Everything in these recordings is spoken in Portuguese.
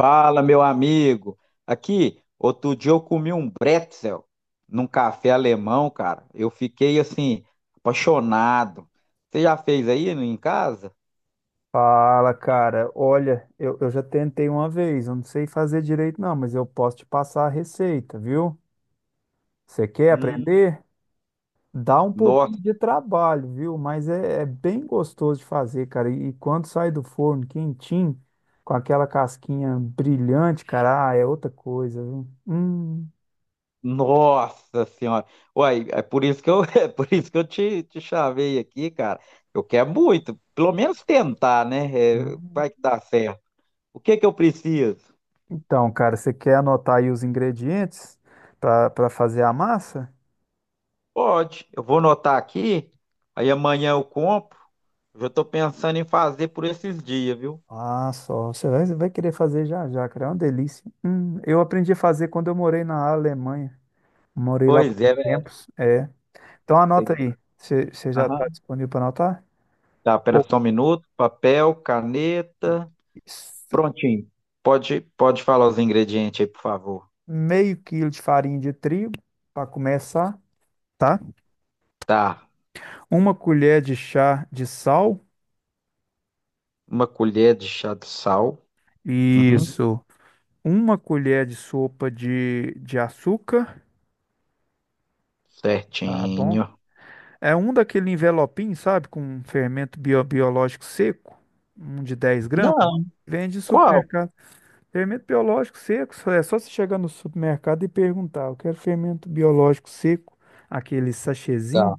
Fala, meu amigo. Aqui, outro dia eu comi um bretzel num café alemão, cara. Eu fiquei assim, apaixonado. Você já fez aí em casa? Fala, cara. Olha, eu já tentei uma vez, eu não sei fazer direito, não, mas eu posso te passar a receita, viu? Você quer Hum, aprender? Dá um pouquinho nossa, de trabalho, viu? Mas é bem gostoso de fazer, cara. E quando sai do forno quentinho, com aquela casquinha brilhante, cara, ah, é outra coisa, viu? Hum. nossa senhora. Uai, é por isso que é por isso que eu te chavei aqui, cara. Eu quero muito, pelo menos tentar, né? É, vai que dá certo. O que que eu preciso? Então, cara, você quer anotar aí os ingredientes para fazer a massa? Pode, eu vou anotar aqui, aí amanhã eu compro. Eu já tô pensando em fazer por esses dias, viu? Ah, só. Você vai querer fazer já já, cara. É uma delícia. Eu aprendi a fazer quando eu morei na Alemanha. Morei lá por Pois é, uns velho. tempos. É. Então anota Tem- aí. Você já aham. está disponível para anotar? Tá, pera Pô. só um minuto. Papel, caneta. Isso. Prontinho. Pode falar os ingredientes aí, por favor. Meio quilo de farinha de trigo para começar, tá? Tá. Uma colher de chá de sal. Uma colher de chá de sal. Uhum. Isso. Uma colher de sopa de açúcar. Tá bom. Certinho. É um daquele envelopinho, sabe? Com fermento biológico seco. Um de 10 gramas. Não. Vende em Qual? supermercado. Fermento biológico seco, é só você chegar no supermercado e perguntar. Eu quero fermento biológico seco, aquele sachêzinho, Tá.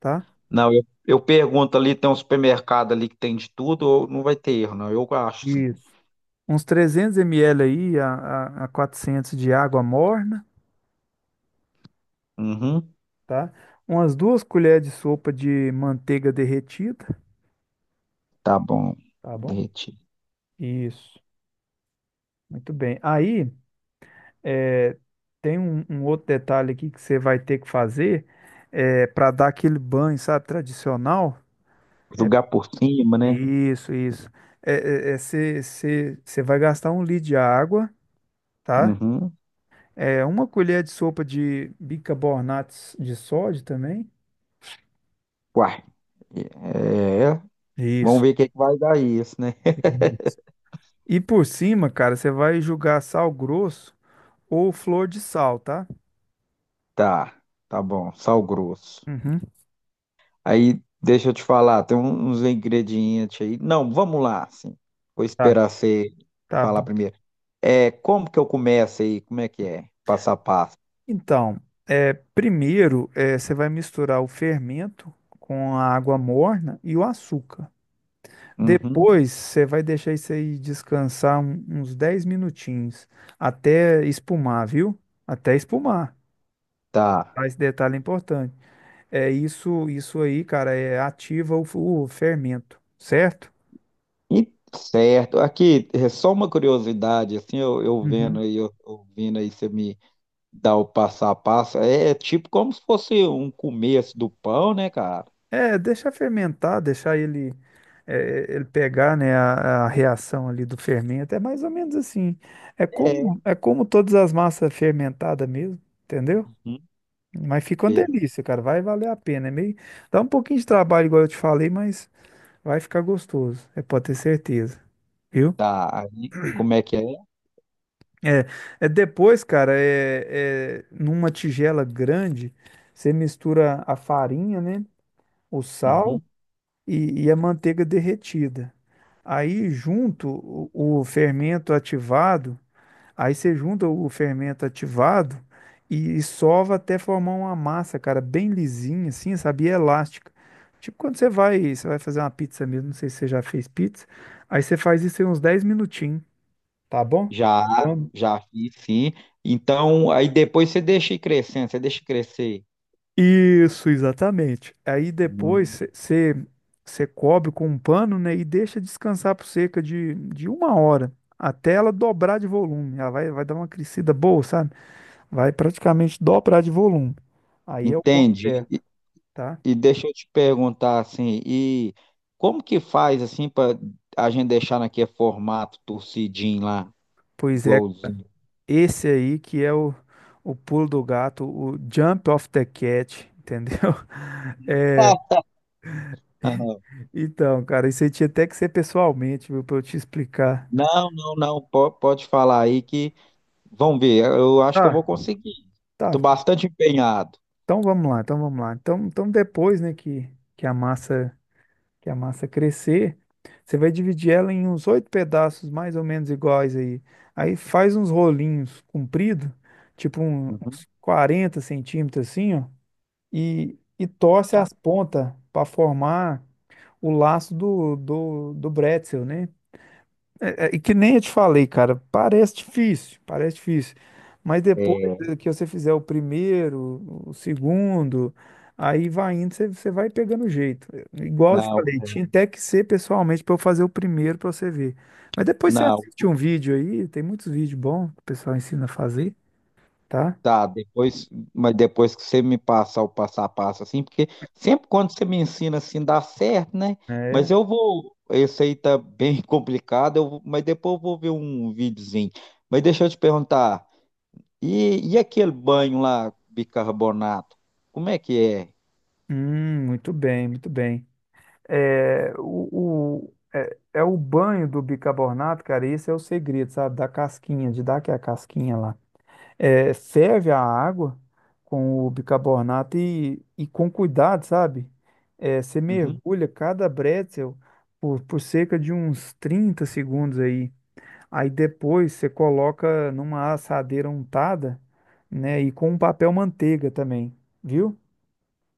tá? Não, eu pergunto ali, tem um supermercado ali que tem de tudo, ou não vai ter erro, não. Eu acho, sim. Isso. Uns 300 ml aí a 400 de água morna, Uhum. tá? Umas duas colheres de sopa de manteiga derretida, Tá bom. tá bom? Derretido. Isso. Muito bem. Aí, é, tem um outro detalhe aqui que você vai ter que fazer é, para dar aquele banho, sabe, tradicional. é. Jogar por cima, né? Isso. É, você vai gastar 1 litro de água, tá? Uhum. É uma colher de sopa de bicarbonato de sódio também. Uai. É, vamos Isso. ver o que que vai dar isso, né? Uhum. E por cima, cara, você vai jogar sal grosso ou flor de sal, tá? Tá, tá bom, sal grosso. Uhum. Aí, deixa eu te falar, tem uns ingredientes aí. Não, vamos lá, assim. Vou Tá. esperar você Tá falar bom. primeiro. É, como que eu começo aí? Como é que é? Passo a passo. Então, é, primeiro, é você vai misturar o fermento com a água morna e o açúcar. Uhum, Depois você vai deixar isso aí descansar uns 10 minutinhos até espumar, viu? Até espumar. tá. Tá? Esse detalhe é importante. É isso aí, cara, é ativa o, o fermento, certo? E, certo. Aqui, é só uma curiosidade, assim, eu vendo Uhum. aí, ouvindo aí você me dá o passo a passo. É, é tipo como se fosse um começo do pão, né, cara? É, deixa fermentar, deixar ele é, ele pegar, né, a reação ali do fermento. É mais ou menos assim. É. É como todas as massas fermentadas mesmo, entendeu? Uhum. Mas fica uma delícia, cara. Vai valer a pena. É meio... Dá um pouquinho de trabalho, igual eu te falei, mas vai ficar gostoso. É, pode ter certeza. Viu? Tá, aí como é que é? É, é depois, cara, é numa tigela grande, você mistura a farinha, né? O sal Uhum. e a manteiga derretida. Aí, junto, o fermento ativado Aí você junta o fermento ativado e sova até formar uma massa, cara, bem lisinha, assim, sabe? E é elástica. Tipo quando você vai fazer uma pizza mesmo, não sei se você já fez pizza. Aí você faz isso em uns 10 minutinhos, tá bom? Já, Vamos. já fiz, sim. Então, aí depois você deixa ir crescendo, você deixa crescer. Isso, exatamente. Aí depois Uhum. você cobre com um pano, né, e deixa descansar por cerca de 1 hora, até ela dobrar de volume. Ela vai, vai dar uma crescida boa, sabe? Vai praticamente dobrar de volume. Aí é o ponto Entende? certo, E, tá? e deixa eu te perguntar assim, e como que faz assim para a gente deixar naquele formato torcidinho lá, Pois é, igualzinho? esse aí que é o pulo do gato, o jump of the cat, entendeu? É, Ah, então, cara, isso aí tinha até que ser pessoalmente, viu, pra eu te explicar. não, não, não, pode falar aí que vamos ver, eu acho que eu Tá, vou conseguir. tá. Estou bastante empenhado. Então vamos lá, então vamos lá. Então, então depois, né, que, que a massa que a massa crescer, você vai dividir ela em uns oito pedaços mais ou menos iguais aí. Aí faz uns rolinhos compridos, tipo Uhum. uns 40 centímetros assim, ó, e torce Tá. as pontas para formar o laço do bretzel, né? E que nem eu te falei, cara, parece difícil, parece difícil. Mas depois É, que você fizer o primeiro, o segundo, aí vai indo, você vai pegando o jeito. É, igual eu te não, falei, tinha até que ser pessoalmente para eu fazer o primeiro para você ver. Mas depois você não. assiste um vídeo aí, tem muitos vídeos bons que o pessoal ensina a fazer, tá? Tá, depois, mas depois que você me passar o passo a passo, assim, porque sempre quando você me ensina assim dá certo, né? Mas É. eu vou, esse aí tá bem complicado, mas depois eu vou ver um videozinho. Mas deixa eu te perguntar, e aquele banho lá, bicarbonato, como é que é? Muito bem, muito bem. É, o, é, é o banho do bicarbonato, cara, esse é o segredo, sabe? Da casquinha, de dar aquela casquinha lá. É, ferve a água com o bicarbonato e com cuidado, sabe? É, você Uhum. mergulha cada bretzel por cerca de uns 30 segundos aí. Aí depois você coloca numa assadeira untada, né? E com um papel manteiga também, viu?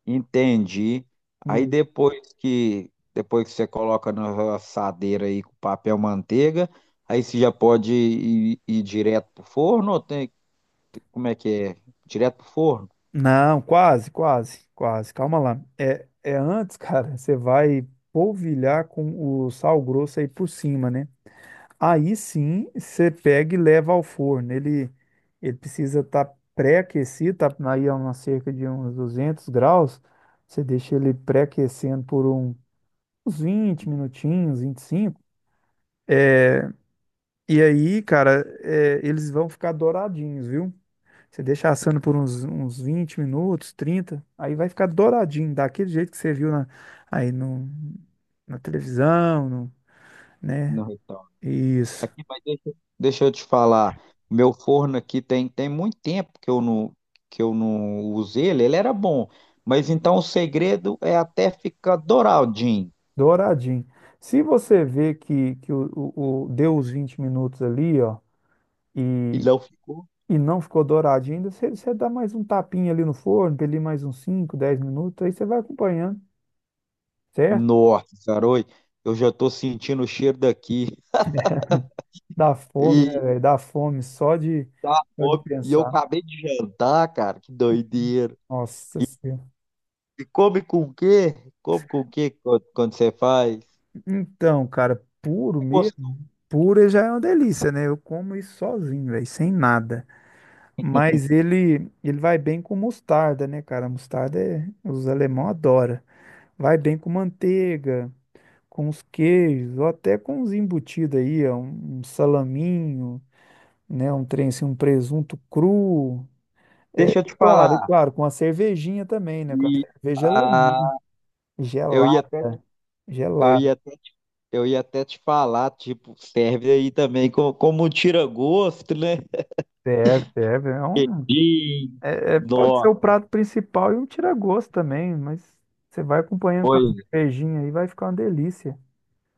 Entendi. Aí E- depois que você coloca na assadeira aí com papel manteiga, aí você já pode ir, ir direto pro forno ou tem como é que é? Direto pro forno? Não, quase. Calma lá. É antes, cara, você vai polvilhar com o sal grosso aí por cima, né? Aí sim, você pega e leva ao forno. Ele precisa estar pré-aquecido, tá aí a uma cerca de uns 200 graus. Você deixa ele pré-aquecendo por uns 20 minutinhos, 25. É, e aí, cara, é, eles vão ficar douradinhos, viu? Você deixa assando por uns 20 minutos, 30. Aí vai ficar douradinho, daquele jeito que você viu na, aí no, na televisão, no- né? No restaurante. Isso. Aqui, deixa eu te falar. Meu forno aqui tem muito tempo que eu não usei ele. Ele era bom. Mas então o segredo é até ficar douradinho. Douradinho. Se você vê que o, deu os 20 minutos ali, ó, E e, não ficou? e não ficou douradinho ainda, você dá mais um tapinha ali no forno, ali mais uns 5, 10 minutos, aí você vai acompanhando, certo? Nossa, garoto. Eu já tô sentindo o cheiro daqui. Dá fome, né, E, velho? Dá fome tá, só de bom, e eu pensar. acabei de jantar, cara. Que doideira. Nossa Senhora. E come com o quê? Come com o quê quando você faz? Então, cara, puro É mesmo. gostoso. Puro já é uma delícia, né? Eu como isso sozinho, velho, sem nada. Mas ele vai bem com mostarda, né, cara? Mostarda é, os alemão adoram. Vai bem com manteiga, com os queijos, ou até com os embutidos aí, ó, um salaminho, né? Um trem assim, um presunto cru. Deixa eu te E falar. claro, com a cervejinha também, né? Com a E, cerveja alemã, Eu ia até, gelada, eu ia gelada. até, eu ia até te falar, tipo, serve aí também como um tira-gosto, né? Serve, serve. É um, E pode ser nó, o prato principal e um tira-gosto também, mas você vai acompanhando com a pois é, cervejinha aí, vai ficar uma delícia.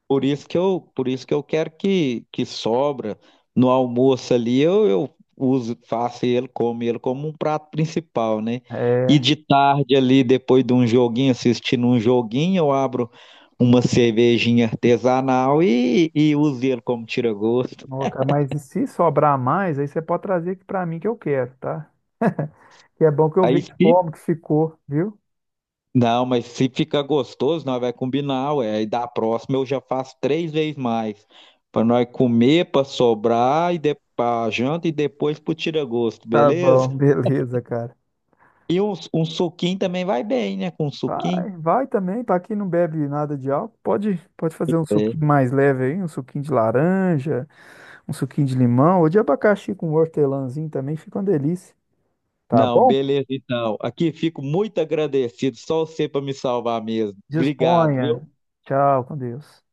por isso que por isso que eu quero que sobra no almoço ali, eu uso, faço ele como um prato principal, né? E de tarde ali, depois de um joguinho, assistindo um joguinho, eu abro uma cervejinha artesanal e uso ele como tira-gosto. Ó, cara, mas e se sobrar mais, aí você pode trazer aqui pra mim que eu quero, tá? Que é bom que eu Aí, vejo se como que ficou, viu? não, mas se ficar gostoso, nós vai combinar, ué. E da próxima eu já faço três vezes mais. Pra nós comer, pra sobrar, e de... pra janta e depois pro tira-gosto, Tá beleza? bom, beleza, cara. E um suquinho também vai bem, né? Com um suquinho. Vai, vai também, para quem não bebe nada de álcool, pode fazer um É. suquinho mais leve aí, um suquinho de laranja, um suquinho de limão, ou de abacaxi com hortelãzinho também, fica uma delícia. Tá Não, bom? beleza então. Aqui fico muito agradecido, só você pra me salvar mesmo. Obrigado, viu? Disponha. Tchau, com Deus.